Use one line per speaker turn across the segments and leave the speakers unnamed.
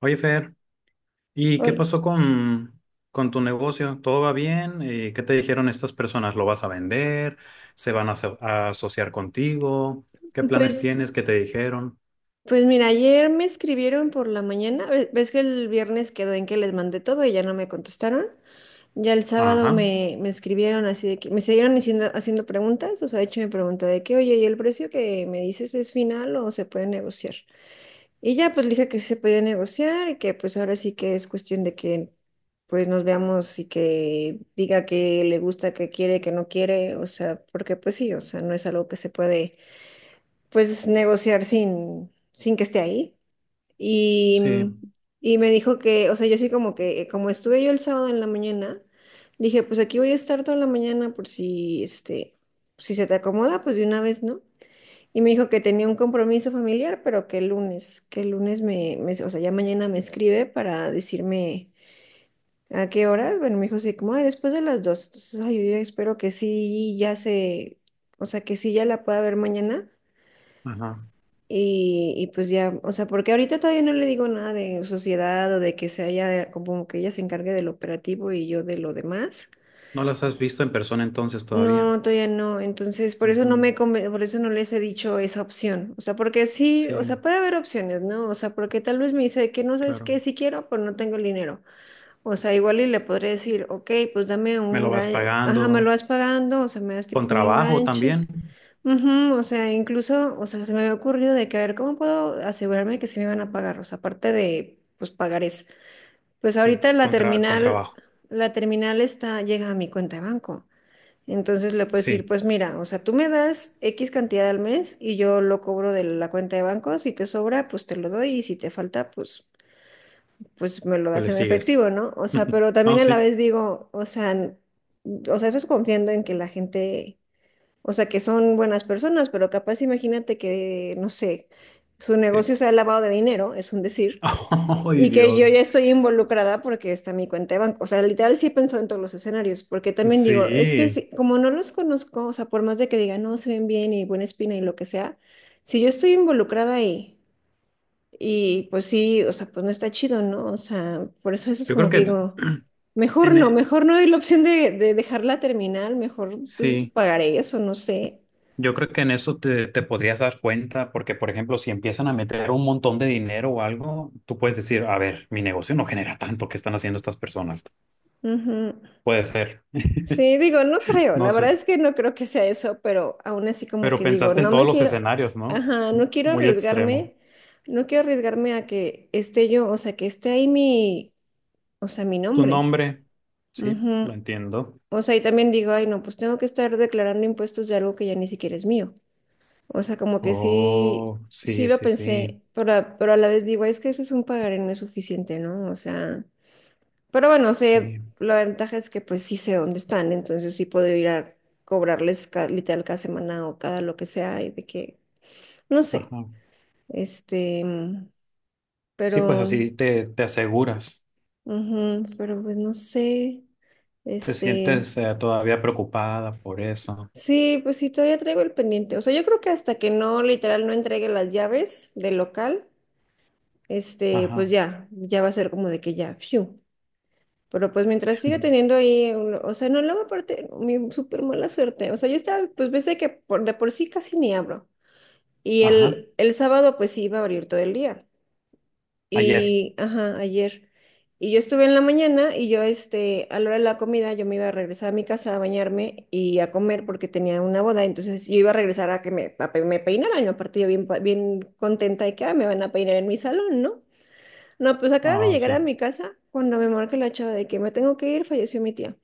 Oye, Fer, ¿y qué
Hola.
pasó con tu negocio? ¿Todo va bien? ¿Qué te dijeron estas personas? ¿Lo vas a vender? ¿Se van a, aso- a asociar contigo? ¿Qué planes
Pues,
tienes? ¿Qué te dijeron?
pues mira, ayer me escribieron por la mañana. Ves que el viernes quedó en que les mandé todo y ya no me contestaron. Ya el sábado
Ajá,
me escribieron así de que me siguieron haciendo preguntas. O sea, de hecho me preguntó de que, oye, ¿y el precio que me dices es final o se puede negociar? Y ya pues le dije que sí se podía negociar y que pues ahora sí que es cuestión de que pues nos veamos y que diga que le gusta, que quiere, que no quiere. O sea, porque pues sí, o sea, no es algo que se puede. Pues negociar sin que esté ahí. Y,
sí,
y me dijo que, o sea, yo sí como que, como estuve yo el sábado en la mañana, dije, pues aquí voy a estar toda la mañana por si, este, si se te acomoda, pues de una vez, ¿no? Y me dijo que tenía un compromiso familiar, pero que el lunes, o sea, ya mañana me escribe para decirme a qué hora. Bueno, me dijo así como, ay, después de las dos. Entonces, ay, yo ya espero que sí, ya se, o sea, que sí ya la pueda ver mañana
ajá.
y pues ya, o sea, porque ahorita todavía no le digo nada de sociedad o de que se haya, como que ella se encargue del operativo y yo de lo demás.
¿No las has visto en persona entonces todavía?
No, todavía no. Entonces, por eso no
Ujú.
me, por eso no les he dicho esa opción. O sea, porque sí, o sea,
Sí,
puede haber opciones, ¿no? O sea, porque tal vez me dice que no sabes
claro.
qué, si quiero, pues no tengo el dinero. O sea, igual y le podré decir, ok, pues dame un
¿Me lo vas
engaño, ajá, me lo
pagando?
vas pagando, o sea, me das
¿Con
tipo un
trabajo
enganche.
también?
Ujú, o sea, incluso, o sea, se me había ocurrido de que a ver cómo puedo asegurarme que sí me van a pagar, o sea, aparte de, pues, pagarés. Pues
Sí,
ahorita
con, tra- con trabajo.
la terminal está, llega a mi cuenta de banco. Entonces le puedes decir,
Sí,
pues mira, o sea, tú me das X cantidad al mes y yo lo cobro de la cuenta de banco. Si te sobra, pues te lo doy y si te falta, pues, pues me lo
pues
das
le
en
sigues.
efectivo, ¿no? O sea, pero también
No,
a la
sí.
vez digo, o sea, o sea, eso es confiando en que la gente o sea, que son buenas personas, pero capaz imagínate que, no sé, su
Sí.
negocio sea lavado de dinero, es un decir,
¡Ay,
y que yo ya
Dios!
estoy involucrada porque está mi cuenta de banco. O sea, literal sí he pensado en todos los escenarios, porque también digo, es que
Sí.
como no los conozco, o sea, por más de que digan, no, se ven bien y buena espina y lo que sea, si yo estoy involucrada ahí, y pues sí, o sea, pues no está chido, ¿no? O sea, por eso eso es
Yo
como
creo
que
que
digo...
en, e-
mejor no hay la opción de dejarla terminar, mejor pues
sí,
pagaré eso, no sé.
yo creo que en eso te, te podrías dar cuenta, porque por ejemplo, si empiezan a meter un montón de dinero o algo, tú puedes decir, a ver, mi negocio no genera tanto que están haciendo estas personas.
Ujú.
Puede ser,
Sí, digo, no creo,
no
la
sé.
verdad es que no creo que sea eso, pero aún así como
Pero
que digo,
pensaste en
no
todos
me
los
quiero,
escenarios, ¿no?
ajá, no quiero
Muy extremo.
arriesgarme, no quiero arriesgarme a que esté yo, o sea, que esté ahí mi, o sea, mi
Tu
nombre.
nombre, sí, lo
Ujú.
entiendo.
O sea, y también digo, ay, no, pues tengo que estar declarando impuestos de algo que ya ni siquiera es mío. O sea, como que sí,
Oh,
sí
sí,
lo
sí, sí,
pensé, pero, pero a la vez digo, es que ese es un pagaré no es suficiente, ¿no? O sea... Pero bueno, sé,
sí,
la ventaja es que pues sí sé dónde están, entonces sí puedo ir a cobrarles literal cada semana o cada lo que sea y de que, no sé,
ajá.
este,
Sí, pues
pero,
así te, te aseguras.
ujú, pero pues no sé,
Te
este,
sientes todavía preocupada por eso.
sí, pues sí, todavía traigo el pendiente. O sea, yo creo que hasta que no, literal, no entregue las llaves del local, este,
Ajá.
pues ya, ya va a ser como de que ya, fiu. Pero pues mientras siga teniendo ahí, o sea, no, luego aparte, mi súper mala suerte. O sea, yo estaba, pues pensé que por, de por sí casi ni abro. Y
Ajá,
el sábado pues sí iba a abrir todo el día.
ayer.
Y, ajá, ayer. Y yo estuve en la mañana y yo, este, a la hora de la comida, yo me iba a regresar a mi casa a bañarme y a comer porque tenía una boda. Entonces yo iba a regresar a que me, me peinaran. Y aparte yo bien, bien contenta de que "Ah, me van a peinar en mi salón, ¿no? No, pues acaba de
Ah,
llegar a
sí.
mi casa cuando me marca la chava de que me tengo que ir, falleció mi tía.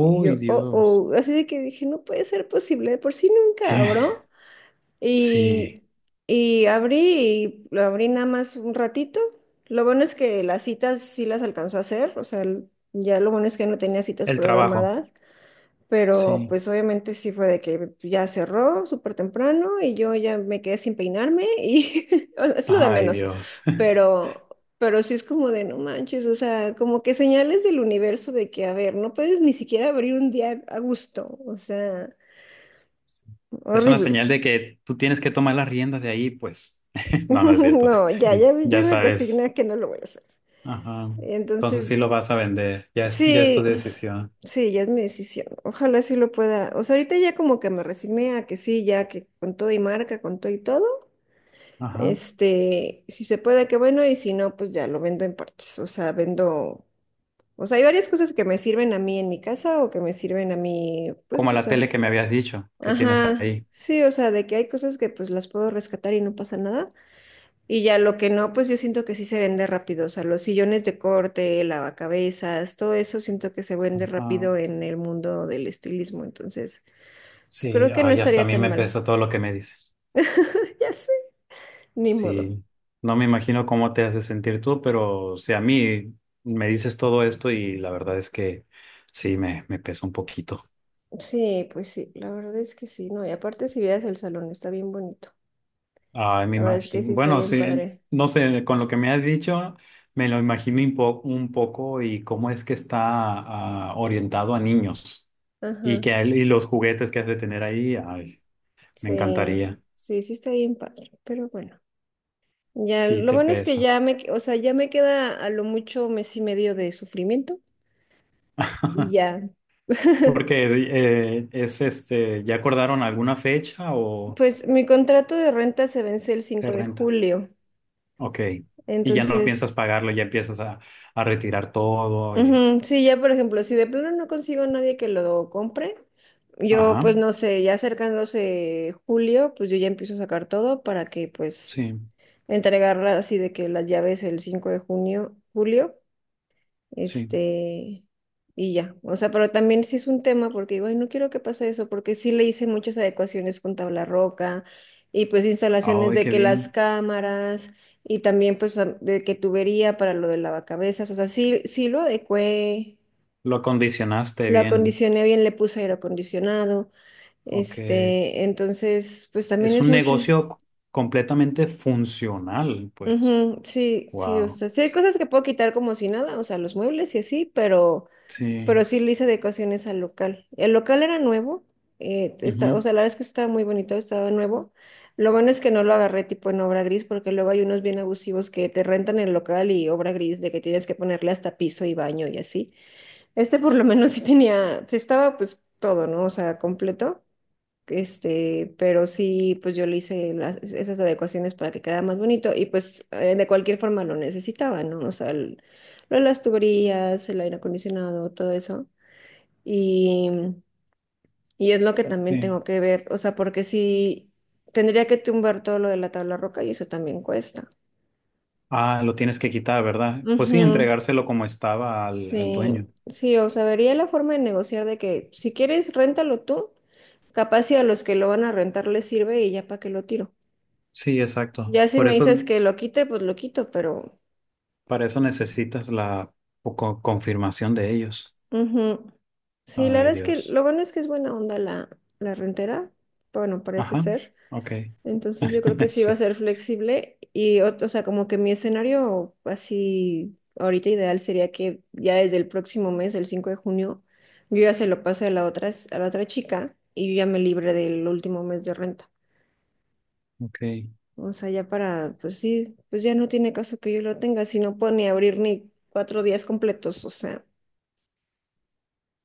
Y yo, oh,
Dios.
oh, así de que dije, no puede ser posible, de por sí nunca
¿Qué?
abro.
Sí,
Y, y abrí, y lo abrí nada más un ratito. Lo bueno es que las citas sí las alcanzó a hacer, o sea, ya lo bueno es que no tenía citas
el trabajo.
programadas. Pero
Sí.
pues obviamente sí fue de que ya cerró súper temprano y yo ya me quedé sin peinarme y o sea, es lo de
Ay,
menos.
Dios.
Pero, pero sí es como de no manches, o sea, como que señales del universo de que, a ver, no puedes ni siquiera abrir un día a gusto. O sea,
Es una
horrible.
señal de que tú tienes que tomar las riendas de ahí, pues. No, no es cierto.
No, ya, ya, ya
Ya
me resigné
sabes.
a que no lo voy a hacer.
Ajá. Entonces
Entonces,
sí lo vas a vender. Ya es tu
sí,
decisión.
sí, ya es mi decisión. Ojalá sí lo pueda. O sea, ahorita ya como que me resigné a que sí, ya que con todo y marca, con todo y todo.
Ajá.
Este, si se puede, qué bueno, y si no, pues ya lo vendo en partes. O sea, vendo, o sea, hay varias cosas que me sirven a mí en mi casa o que me sirven a mí, pues,
Como
o
la
sea,
tele que me habías dicho que tienes
ajá,
ahí.
sí, o sea, de que hay cosas que pues las puedo rescatar y no pasa nada. Y ya lo que no, pues yo siento que sí se vende rápido. O sea, los sillones de corte, lavacabezas, todo eso siento que se vende
Ajá.
rápido en el mundo del estilismo. Entonces,
Sí,
creo que no
ay, hasta a
estaría
mí
tan
me
mal.
pesa todo lo que me dices.
Ya sé, ni modo.
Sí, no me imagino cómo te hace sentir tú, pero si a mí me dices todo esto y la verdad es que sí, me pesa un poquito.
Sí, pues sí, la verdad es que sí, ¿no? Y aparte si vieras el salón, está bien bonito.
Ay, me
La verdad es que sí
imagino.
está
Bueno,
bien
sí,
padre.
no sé, con lo que me has dicho, me lo imagino un, po- un poco y cómo es que está ah, orientado a niños y
Ajá,
que el- y los juguetes que has de tener ahí, ay, me
sí,
encantaría.
sí, sí está bien padre, pero bueno. Ya,
Sí,
lo
te
bueno es que
pesa.
ya me, o sea, ya me queda a lo mucho mes y medio de sufrimiento y ya.
Porque es este, ¿ya acordaron alguna fecha o
Pues mi contrato de renta se vence el
qué
5 de
renta?
julio,
Ok. Y ya no piensas
entonces
pagarlo, ya empiezas a retirar todo y...
ujú, sí, ya por ejemplo, si de plano no consigo a nadie que lo compre, yo
Ajá.
pues no sé, ya acercándose julio, pues yo ya empiezo a sacar todo para que pues
Sí,
entregarla así de que las llaves el 5 de junio, julio,
sí.
este, y ya. O sea, pero también sí es un tema porque digo, "Ay, no quiero que pase eso, porque sí le hice muchas adecuaciones con tabla roca y pues instalaciones
Ay,
de
qué
que las
bien.
cámaras y también pues de que tubería para lo del lavacabezas, o sea, sí, sí lo adecué
Lo acondicionaste
lo
bien.
acondicioné bien, le puse aire acondicionado.
Ok.
Este, entonces, pues también
Es
es
un
mucho.
negocio c- completamente funcional, pues.
Ujú, sí, sí, o
Wow.
sea, sí hay cosas que puedo quitar como si nada, o sea, los muebles y así,
Sí.
pero sí le hice adecuaciones al local. El local era nuevo, está, o
Ujú.
sea, la verdad es que estaba muy bonito, estaba nuevo. Lo bueno es que no lo agarré tipo en obra gris, porque luego hay unos bien abusivos que te rentan el local y obra gris de que tienes que ponerle hasta piso y baño y así. Este por lo menos sí tenía, sí estaba pues todo, ¿no? O sea, completo. Este, pero sí, pues yo le hice esas adecuaciones para que quedara más bonito y pues de cualquier forma lo necesitaba, ¿no? O sea, lo de las tuberías, el aire acondicionado, todo eso. Y, y es lo que también
Sí.
tengo que ver, o sea, porque sí, tendría que tumbar todo lo de la tabla roca y eso también cuesta.
Ah, lo tienes que quitar, ¿verdad? Pues sí,
Ujú,
entregárselo como estaba al, al
sí,
dueño.
sí, o sea, vería la forma de negociar de que si quieres, réntalo tú, capaz si a los que lo van a rentar les sirve y ya para que lo tiro.
Sí, exacto.
Ya si
Por
me
eso,
dices que lo quite, pues lo quito, pero...
para eso necesitas la co- confirmación de ellos.
ujú. Sí, la verdad
Ay,
es que
Dios.
lo bueno es que es buena onda la, la rentera, bueno, parece
Ajá.
ser.
Ok.
Entonces yo creo que sí va a
Sí.
ser flexible y, o, sea, como que mi escenario así ahorita ideal sería que ya desde el próximo mes, el 5 de junio, yo ya se lo pase a la otra, a la otra chica y yo ya me libre del último mes de renta.
Ok.
O sea, ya para, pues sí, pues ya no tiene caso que yo lo tenga, si no puedo ni abrir ni 4 días completos, o sea.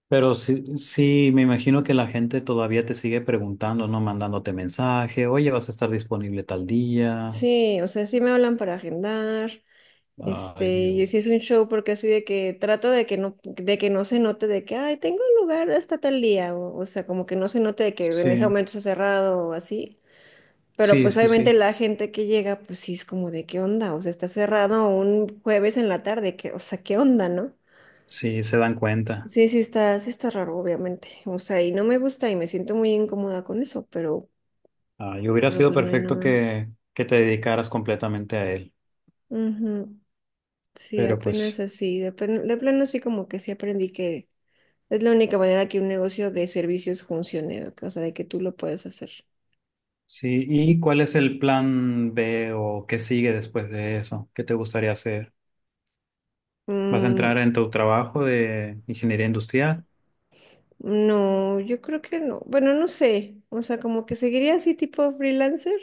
Pero sí, sí, me imagino que la gente todavía te sigue preguntando, ¿no? Mandándote mensaje, oye, vas a estar disponible tal día.
Sí, o sea, sí me hablan para agendar, este,
Ay,
y sí es
Dios.
un show porque así de que trato de que no se note de que, ay, tengo un lugar hasta tal día, o sea, como que no se note de que en ese
Sí,
momento está cerrado o así, pero
sí,
pues
sí,
obviamente
sí.
la gente que llega, pues sí es como de qué onda, o sea, está cerrado un jueves en la tarde, que, o sea, qué onda, ¿no?
Sí, se dan cuenta.
Sí, sí está raro, obviamente, o sea, y no me gusta y me siento muy incómoda con eso,
Ay, hubiera
pero
sido
pues no hay
perfecto
nada.
que te dedicaras completamente a él.
Ujú. Sí,
Pero
apenas
pues,
así. De, de plano sí como que sí aprendí que es la única manera que un negocio de servicios funcione, o sea, de que tú lo puedes hacer.
sí. ¿Y cuál es el plan B o qué sigue después de eso? ¿Qué te gustaría hacer? ¿Vas a
Mm,
entrar en tu trabajo de ingeniería industrial?
no, yo creo que no. Bueno, no sé. O sea, como que seguiría así tipo freelancer.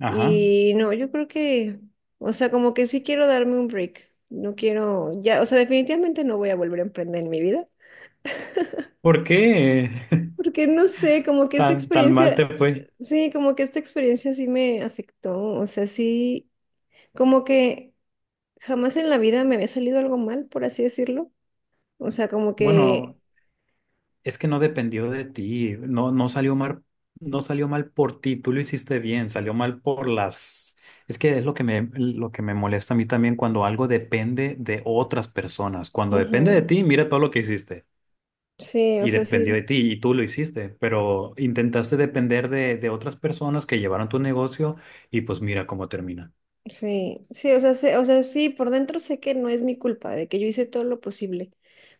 Ajá.
Y no, yo creo que, o sea, como que sí quiero darme un break. No quiero, ya, o sea, definitivamente no voy a volver a emprender en mi vida.
¿Por qué?
Porque no sé, como que esta
Tan, tan mal te
experiencia,
fue.
sí, como que esta experiencia sí me afectó. O sea, sí. Como que jamás en la vida me había salido algo mal, por así decirlo. O sea, como
Bueno,
que...
es que no dependió de ti. No, no salió mal, no salió mal por ti. Tú lo hiciste bien, salió mal por las. Es que es lo que me molesta a mí también cuando algo depende de otras personas. Cuando depende de
ujú.
ti, mira todo lo que hiciste.
Sí, o
Y
sea,
dependió de
sí,
ti y tú lo hiciste, pero intentaste depender de otras personas que llevaron tu negocio y pues mira cómo termina.
sí, sí, o sea, o sea, sí, por dentro sé que no es mi culpa, de que yo hice todo lo posible,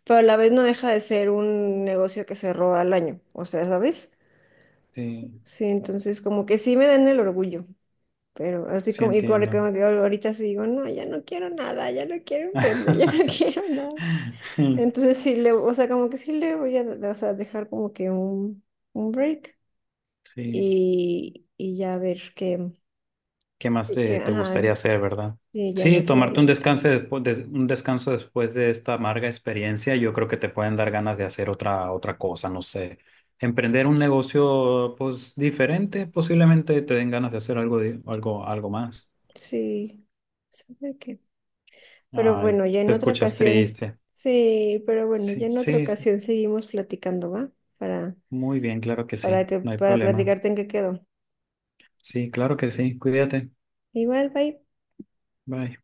pero a la vez no deja de ser un negocio que cerró al año, o sea, ¿sabes?
Sí,
Sí, entonces como que sí me dan el orgullo, pero así
sí
como, y
entiendo.
como que ahorita sí digo, no, ya no quiero nada, ya no quiero emprender, ya no quiero nada. Entonces sí le, o sea, como que sí le voy a, o sea, dejar como que un break
Sí.
y ya ver qué,
¿Qué más
sí, que,
te, te
ajá,
gustaría hacer, verdad?
y ya
Sí,
más
tomarte un
adelante.
descanso después de, un descanso después de esta amarga experiencia, yo creo que te pueden dar ganas de hacer otra, otra cosa, no sé. Emprender un negocio, pues, diferente, posiblemente te den ganas de hacer algo, di- algo, algo más.
Sí, sabe qué. Pero
Ay,
bueno, ya
te
en otra
escuchas
ocasión,
triste.
sí, pero bueno,
Sí,
ya en otra
sí, sí.
ocasión seguimos platicando, ¿va? Para,
Muy bien, claro que sí.
para que,
No hay
para
problema.
platicarte en qué quedó.
Sí, claro que sí. Cuídate.
Igual, bye.
Bye.